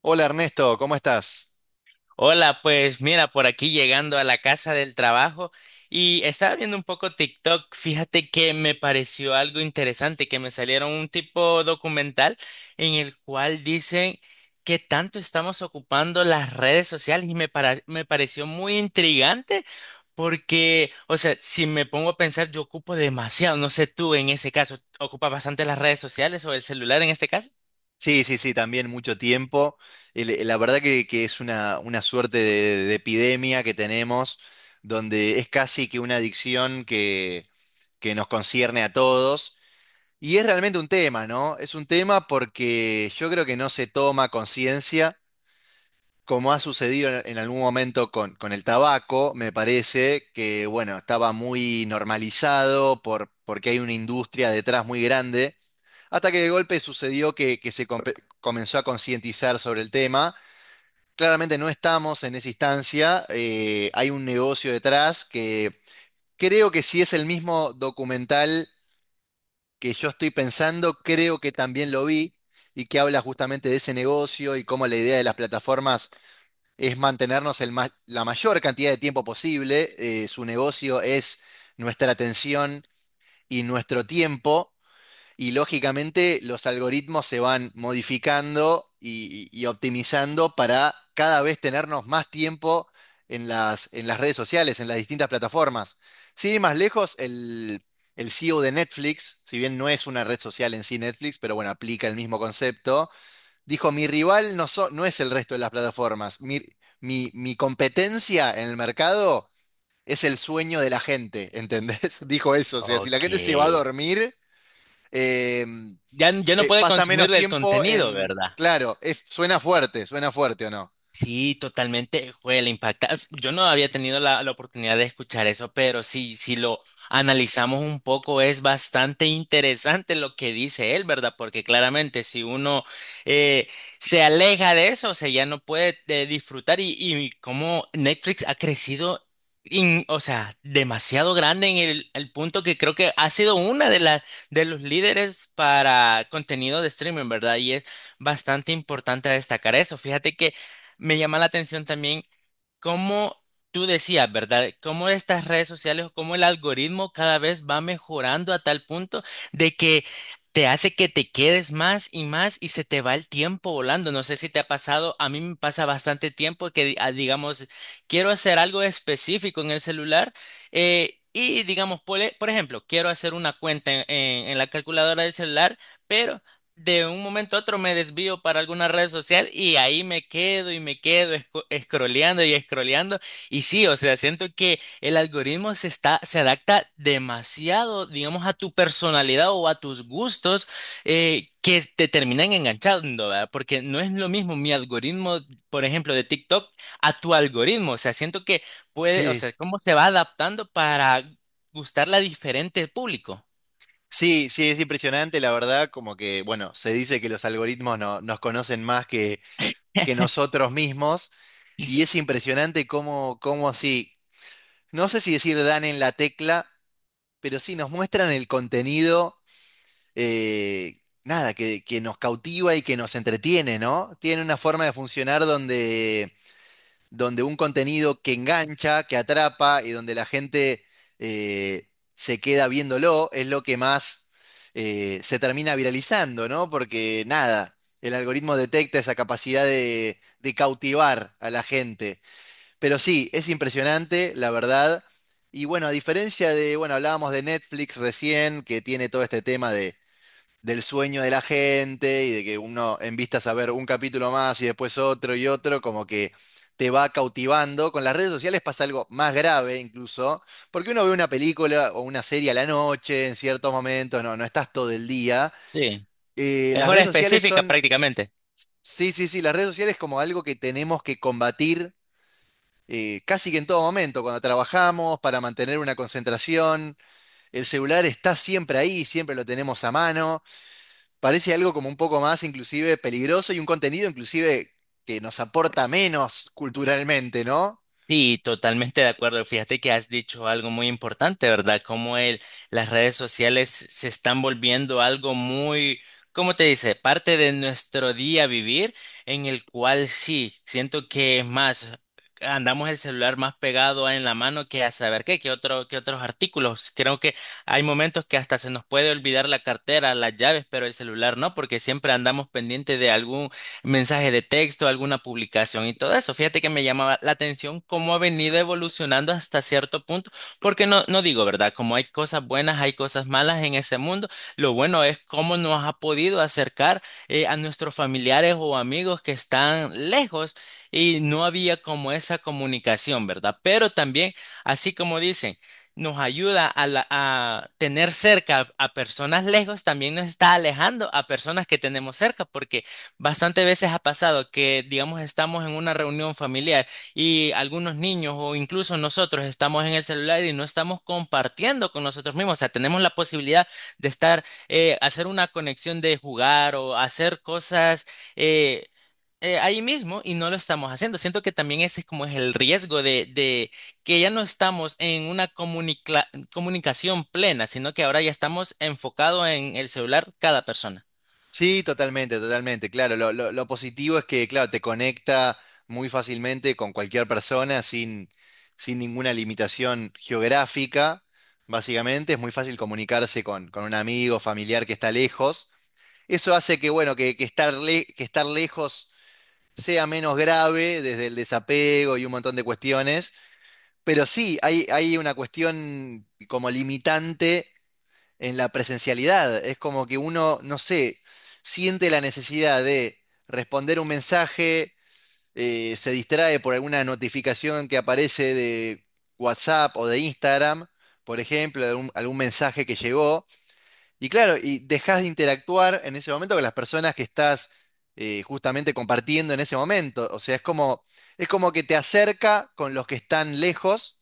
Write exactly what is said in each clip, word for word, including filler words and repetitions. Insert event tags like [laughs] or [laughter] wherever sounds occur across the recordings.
Hola, Ernesto, ¿cómo estás? Hola, pues mira, por aquí llegando a la casa del trabajo y estaba viendo un poco TikTok. Fíjate que me pareció algo interesante, que me salieron un tipo documental en el cual dicen qué tanto estamos ocupando las redes sociales y me, para- me pareció muy intrigante porque, o sea, si me pongo a pensar, yo ocupo demasiado. No sé tú en ese caso, ¿ocupas bastante las redes sociales o el celular en este caso? Sí, sí, sí, también mucho tiempo. El- eh, La verdad que, que es una, una suerte de, de epidemia que tenemos, donde es casi que una adicción que, que nos concierne a todos. Y es realmente un tema, ¿no? Es un tema porque yo creo que no se toma conciencia, como ha sucedido en, en algún momento con, con el tabaco, me parece, que bueno, estaba muy normalizado por, porque hay una industria detrás muy grande. Hasta que de golpe sucedió que, que se compe- comenzó a concientizar sobre el tema. Claramente no estamos en esa instancia. Eh, hay un negocio detrás que, creo que si es el mismo documental que yo estoy pensando, creo que también lo vi, y que habla justamente de ese negocio y cómo la idea de las plataformas es mantenernos el ma- la mayor cantidad de tiempo posible. eh, su negocio es nuestra atención y nuestro tiempo. Y lógicamente los algoritmos se van modificando y, y- y optimizando para cada vez tenernos más tiempo en las, en las redes sociales, en las distintas plataformas. Sin ir más lejos, el, el C E O de Netflix, si bien no es una red social en sí Netflix, pero bueno, aplica el mismo concepto, dijo: mi rival no, so- no es el resto de las plataformas, mi, mi, mi competencia en el mercado es el sueño de la gente, ¿entendés? [laughs] Dijo eso, o sea, si la Ok. gente se va a dormir... eh, Ya, ya no eh, puede pasa menos consumir el tiempo contenido, en... ¿verdad? Claro, es- suena fuerte, suena fuerte o no. Sí, totalmente, fue la impacta. Yo no había tenido la, la oportunidad de escuchar eso, pero sí, si lo analizamos un poco, es bastante interesante lo que dice él, ¿verdad? Porque claramente si uno eh, se aleja de eso, o sea, ya no puede eh, disfrutar y, y cómo Netflix ha crecido, in- o sea, demasiado grande en el, el punto que creo que ha sido una de las de los líderes para contenido de streaming, ¿verdad? Y es bastante importante destacar eso. Fíjate que me llama la atención también cómo tú decías, ¿verdad? Cómo estas redes sociales o cómo el algoritmo cada vez va mejorando a tal punto de que te hace que te quedes más y más y se te va el tiempo volando. No sé si te ha pasado, a mí me pasa bastante tiempo que, di- ah, digamos, quiero hacer algo específico en el celular eh, y, digamos, por, e- por ejemplo, quiero hacer una cuenta en en- en la calculadora del celular. Pero de un momento a otro me desvío para alguna red social y ahí me quedo y me quedo esco- scrolleando y scrolleando. Y sí, o sea, siento que el algoritmo se está, se adapta demasiado, digamos, a tu personalidad o a tus gustos eh, que te terminan enganchando, ¿verdad? Porque no es lo mismo mi algoritmo, por ejemplo, de TikTok a tu algoritmo. O sea, siento que puede, o Sí, sea, cómo se va adaptando para gustarle a diferente público. sí, sí, es impresionante, la verdad, como que, bueno, se dice que los algoritmos no- nos conocen más que, que nosotros mismos, y es impresionante cómo, cómo así, no sé si decir dan en la tecla, pero sí nos muestran el contenido. Eh, nada, que, que nos cautiva y que nos entretiene, ¿no? Tiene una forma de funcionar donde... donde un contenido que engancha, que atrapa y donde la gente eh, se queda viéndolo es lo que más eh, se termina viralizando, ¿no? Porque nada, el algoritmo detecta esa capacidad de, de cautivar a la gente. Pero sí, es impresionante, la verdad. Y bueno, a diferencia de, bueno, hablábamos de Netflix recién, que tiene todo este tema de del sueño de la gente y de que uno en vistas a ver un capítulo más y después otro y otro, como que te va cautivando. Con las redes sociales pasa algo más grave incluso, porque uno ve una película o una serie a la noche en ciertos momentos, no, no estás todo el día. Sí, Eh, es las hora redes sociales específica son, prácticamente. Sí, sí, sí, las redes sociales como algo que tenemos que combatir. Eh, casi que en todo momento, cuando trabajamos, para mantener una concentración, el celular está siempre ahí, siempre lo tenemos a mano. Parece algo como un poco más inclusive peligroso y un contenido inclusive que nos aporta menos culturalmente, ¿no? Sí, totalmente de acuerdo. Fíjate que has dicho algo muy importante, ¿verdad? Como el, las redes sociales se están volviendo algo muy, ¿cómo te dice? Parte de nuestro día vivir, en el cual sí, siento que es más, andamos el celular más pegado en la mano que a saber qué, que otro, que otros artículos. Creo que hay momentos que hasta se nos puede olvidar la cartera, las llaves, pero el celular no, porque siempre andamos pendiente de algún mensaje de texto, alguna publicación y todo eso. Fíjate que me llamaba la atención cómo ha venido evolucionando hasta cierto punto, porque no, no digo, ¿verdad? Como hay cosas buenas, hay cosas malas en ese mundo, lo bueno es cómo nos ha podido acercar eh, a nuestros familiares o amigos que están lejos y no había como esa comunicación, ¿verdad? Pero también, así como dicen, nos ayuda a, la- a tener cerca a personas lejos, también nos está alejando a personas que tenemos cerca, porque bastante veces ha pasado que, digamos, estamos en una reunión familiar y algunos niños o incluso nosotros estamos en el celular y no estamos compartiendo con nosotros mismos. O sea, tenemos la posibilidad de estar, eh, hacer una conexión de jugar o hacer cosas eh, eh, ahí mismo y no lo estamos haciendo. Siento que también ese es como es el riesgo de, de que ya no estamos en una comunicla- comunicación plena, sino que ahora ya estamos enfocados en el celular cada persona. Sí, totalmente, totalmente. Claro, lo, lo- lo positivo es que, claro, te conecta muy fácilmente con cualquier persona sin, sin ninguna limitación geográfica, básicamente. Es muy fácil comunicarse con, con un amigo, familiar que está lejos. Eso hace que, bueno, que, que estar le- que estar lejos sea menos grave desde el desapego y un montón de cuestiones. Pero sí, hay, hay una cuestión como limitante en la presencialidad. Es como que uno, no sé, siente la necesidad de responder un mensaje. Eh, se distrae por alguna notificación que aparece de WhatsApp o de Instagram, por ejemplo, de algún, algún mensaje que llegó. Y claro, y dejas de interactuar en ese momento con las personas que estás eh, justamente compartiendo en ese momento. O sea, es como, es como que te acerca con los que están lejos,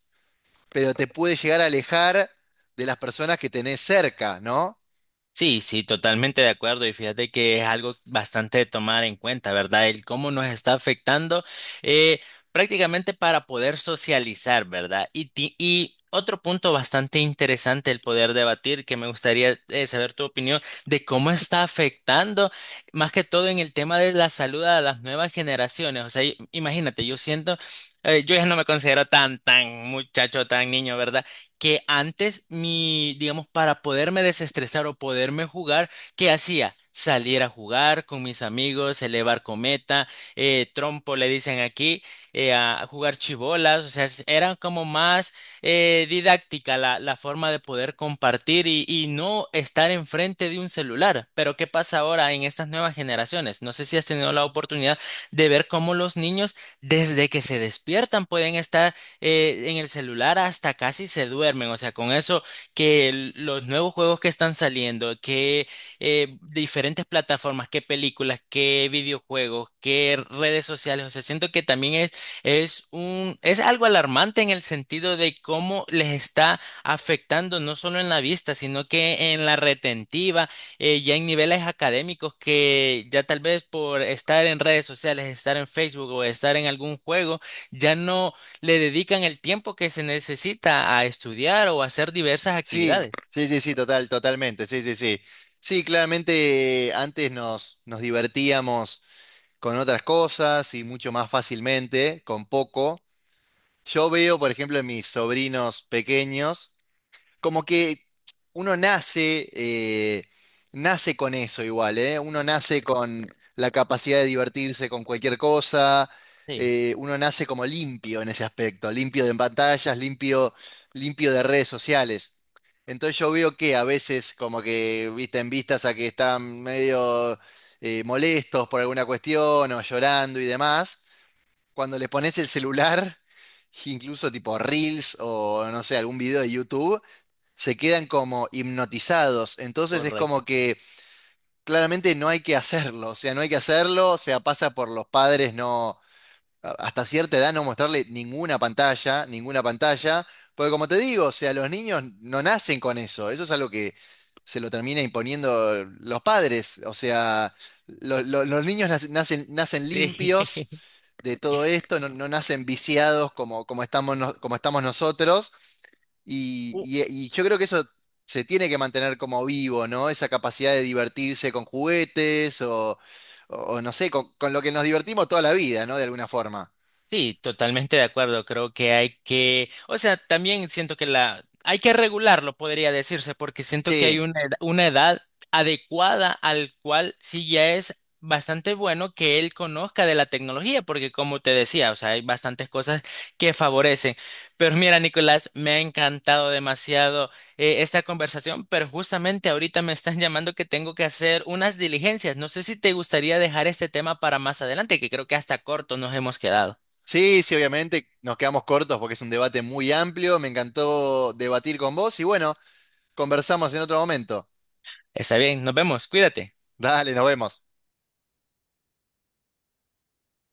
pero te puede llegar a alejar de las personas que tenés cerca, ¿no? Sí, sí, totalmente de acuerdo. Y fíjate que es algo bastante de tomar en cuenta, ¿verdad? El cómo nos está afectando eh, prácticamente para poder socializar, ¿verdad? Y, ti- y otro punto bastante interesante el poder debatir, que me gustaría eh, saber tu opinión de cómo está afectando, más que todo en el tema de la salud a las nuevas generaciones. O sea, i- imagínate, yo siento, eh, yo ya no me considero tan, tan muchacho, tan niño, ¿verdad? Que antes mi, digamos, para poderme desestresar o poderme jugar, ¿qué hacía? Salir a jugar con mis amigos, elevar cometa, eh, trompo le dicen aquí, eh, a jugar chibolas, o sea, s- era como más eh, didáctica la, la forma de poder compartir y, y no estar enfrente de un celular. Pero ¿qué pasa ahora en estas nuevas generaciones? No sé si has tenido la oportunidad de ver cómo los niños desde que se despiertan pueden estar eh, en el celular hasta casi se duermen. O sea, con eso que el- los nuevos juegos que están saliendo, que eh, diferentes plataformas, que películas, que videojuegos, que redes sociales. O sea, siento que también es, es un, es algo alarmante en el sentido de cómo les está afectando no solo en la vista, sino que en la retentiva eh, ya en niveles académicos que ya tal vez por estar en redes sociales, estar en Facebook o estar en algún juego, ya no le dedican el tiempo que se necesita a estudiar o a hacer diversas Sí, actividades. sí, sí, sí, total, totalmente, sí, sí, sí. Sí, claramente, eh, antes nos, nos divertíamos con otras cosas y mucho más fácilmente, con poco. Yo veo, por ejemplo, en mis sobrinos pequeños, como que uno nace, eh, nace con eso igual, ¿eh? Uno nace con la capacidad de divertirse con cualquier cosa. Sí, eh, Uno nace como limpio en ese aspecto, limpio de pantallas, limpio, limpio de redes sociales. Entonces yo veo que a veces como que, viste, en vistas a que están medio eh, molestos por alguna cuestión o llorando y demás, cuando le pones el celular, [laughs] incluso tipo Reels o no sé, algún video de YouTube, se quedan como hipnotizados. Entonces es correcto. como que claramente no hay que hacerlo, o sea, no hay que hacerlo, o sea, pasa por los padres, no, a- hasta cierta edad no mostrarle ninguna pantalla, ninguna pantalla, porque como te digo, o sea, los niños no nacen con eso, eso es algo que se lo termina imponiendo los padres, o sea, lo- lo- los niños nac- nacen, nacen Sí. limpios de todo esto, no, no nacen viciados como, como estamos, no- como estamos nosotros, y, [laughs] y- y yo creo que eso... se tiene que mantener como vivo, ¿no? Esa capacidad de divertirse con juguetes o, o- o no sé, con, con lo que nos divertimos toda la vida, ¿no? De alguna forma. Sí, totalmente de acuerdo. Creo que hay que, o sea, también siento que la hay que regularlo, podría decirse, porque siento que hay Sí, una edad, una edad adecuada al cual sí ya es bastante bueno que él conozca de la tecnología, porque como te decía, o sea, hay bastantes cosas que favorecen. Pero mira, Nicolás, me ha encantado demasiado eh, esta conversación, pero justamente ahorita me están llamando que tengo que hacer unas diligencias. No sé si te gustaría dejar este tema para más adelante, que creo que hasta corto nos hemos quedado. sí, sí, obviamente nos quedamos cortos porque es un debate muy amplio. Me encantó debatir con vos y bueno, conversamos en otro momento. Está bien, nos vemos, cuídate. Dale, nos vemos.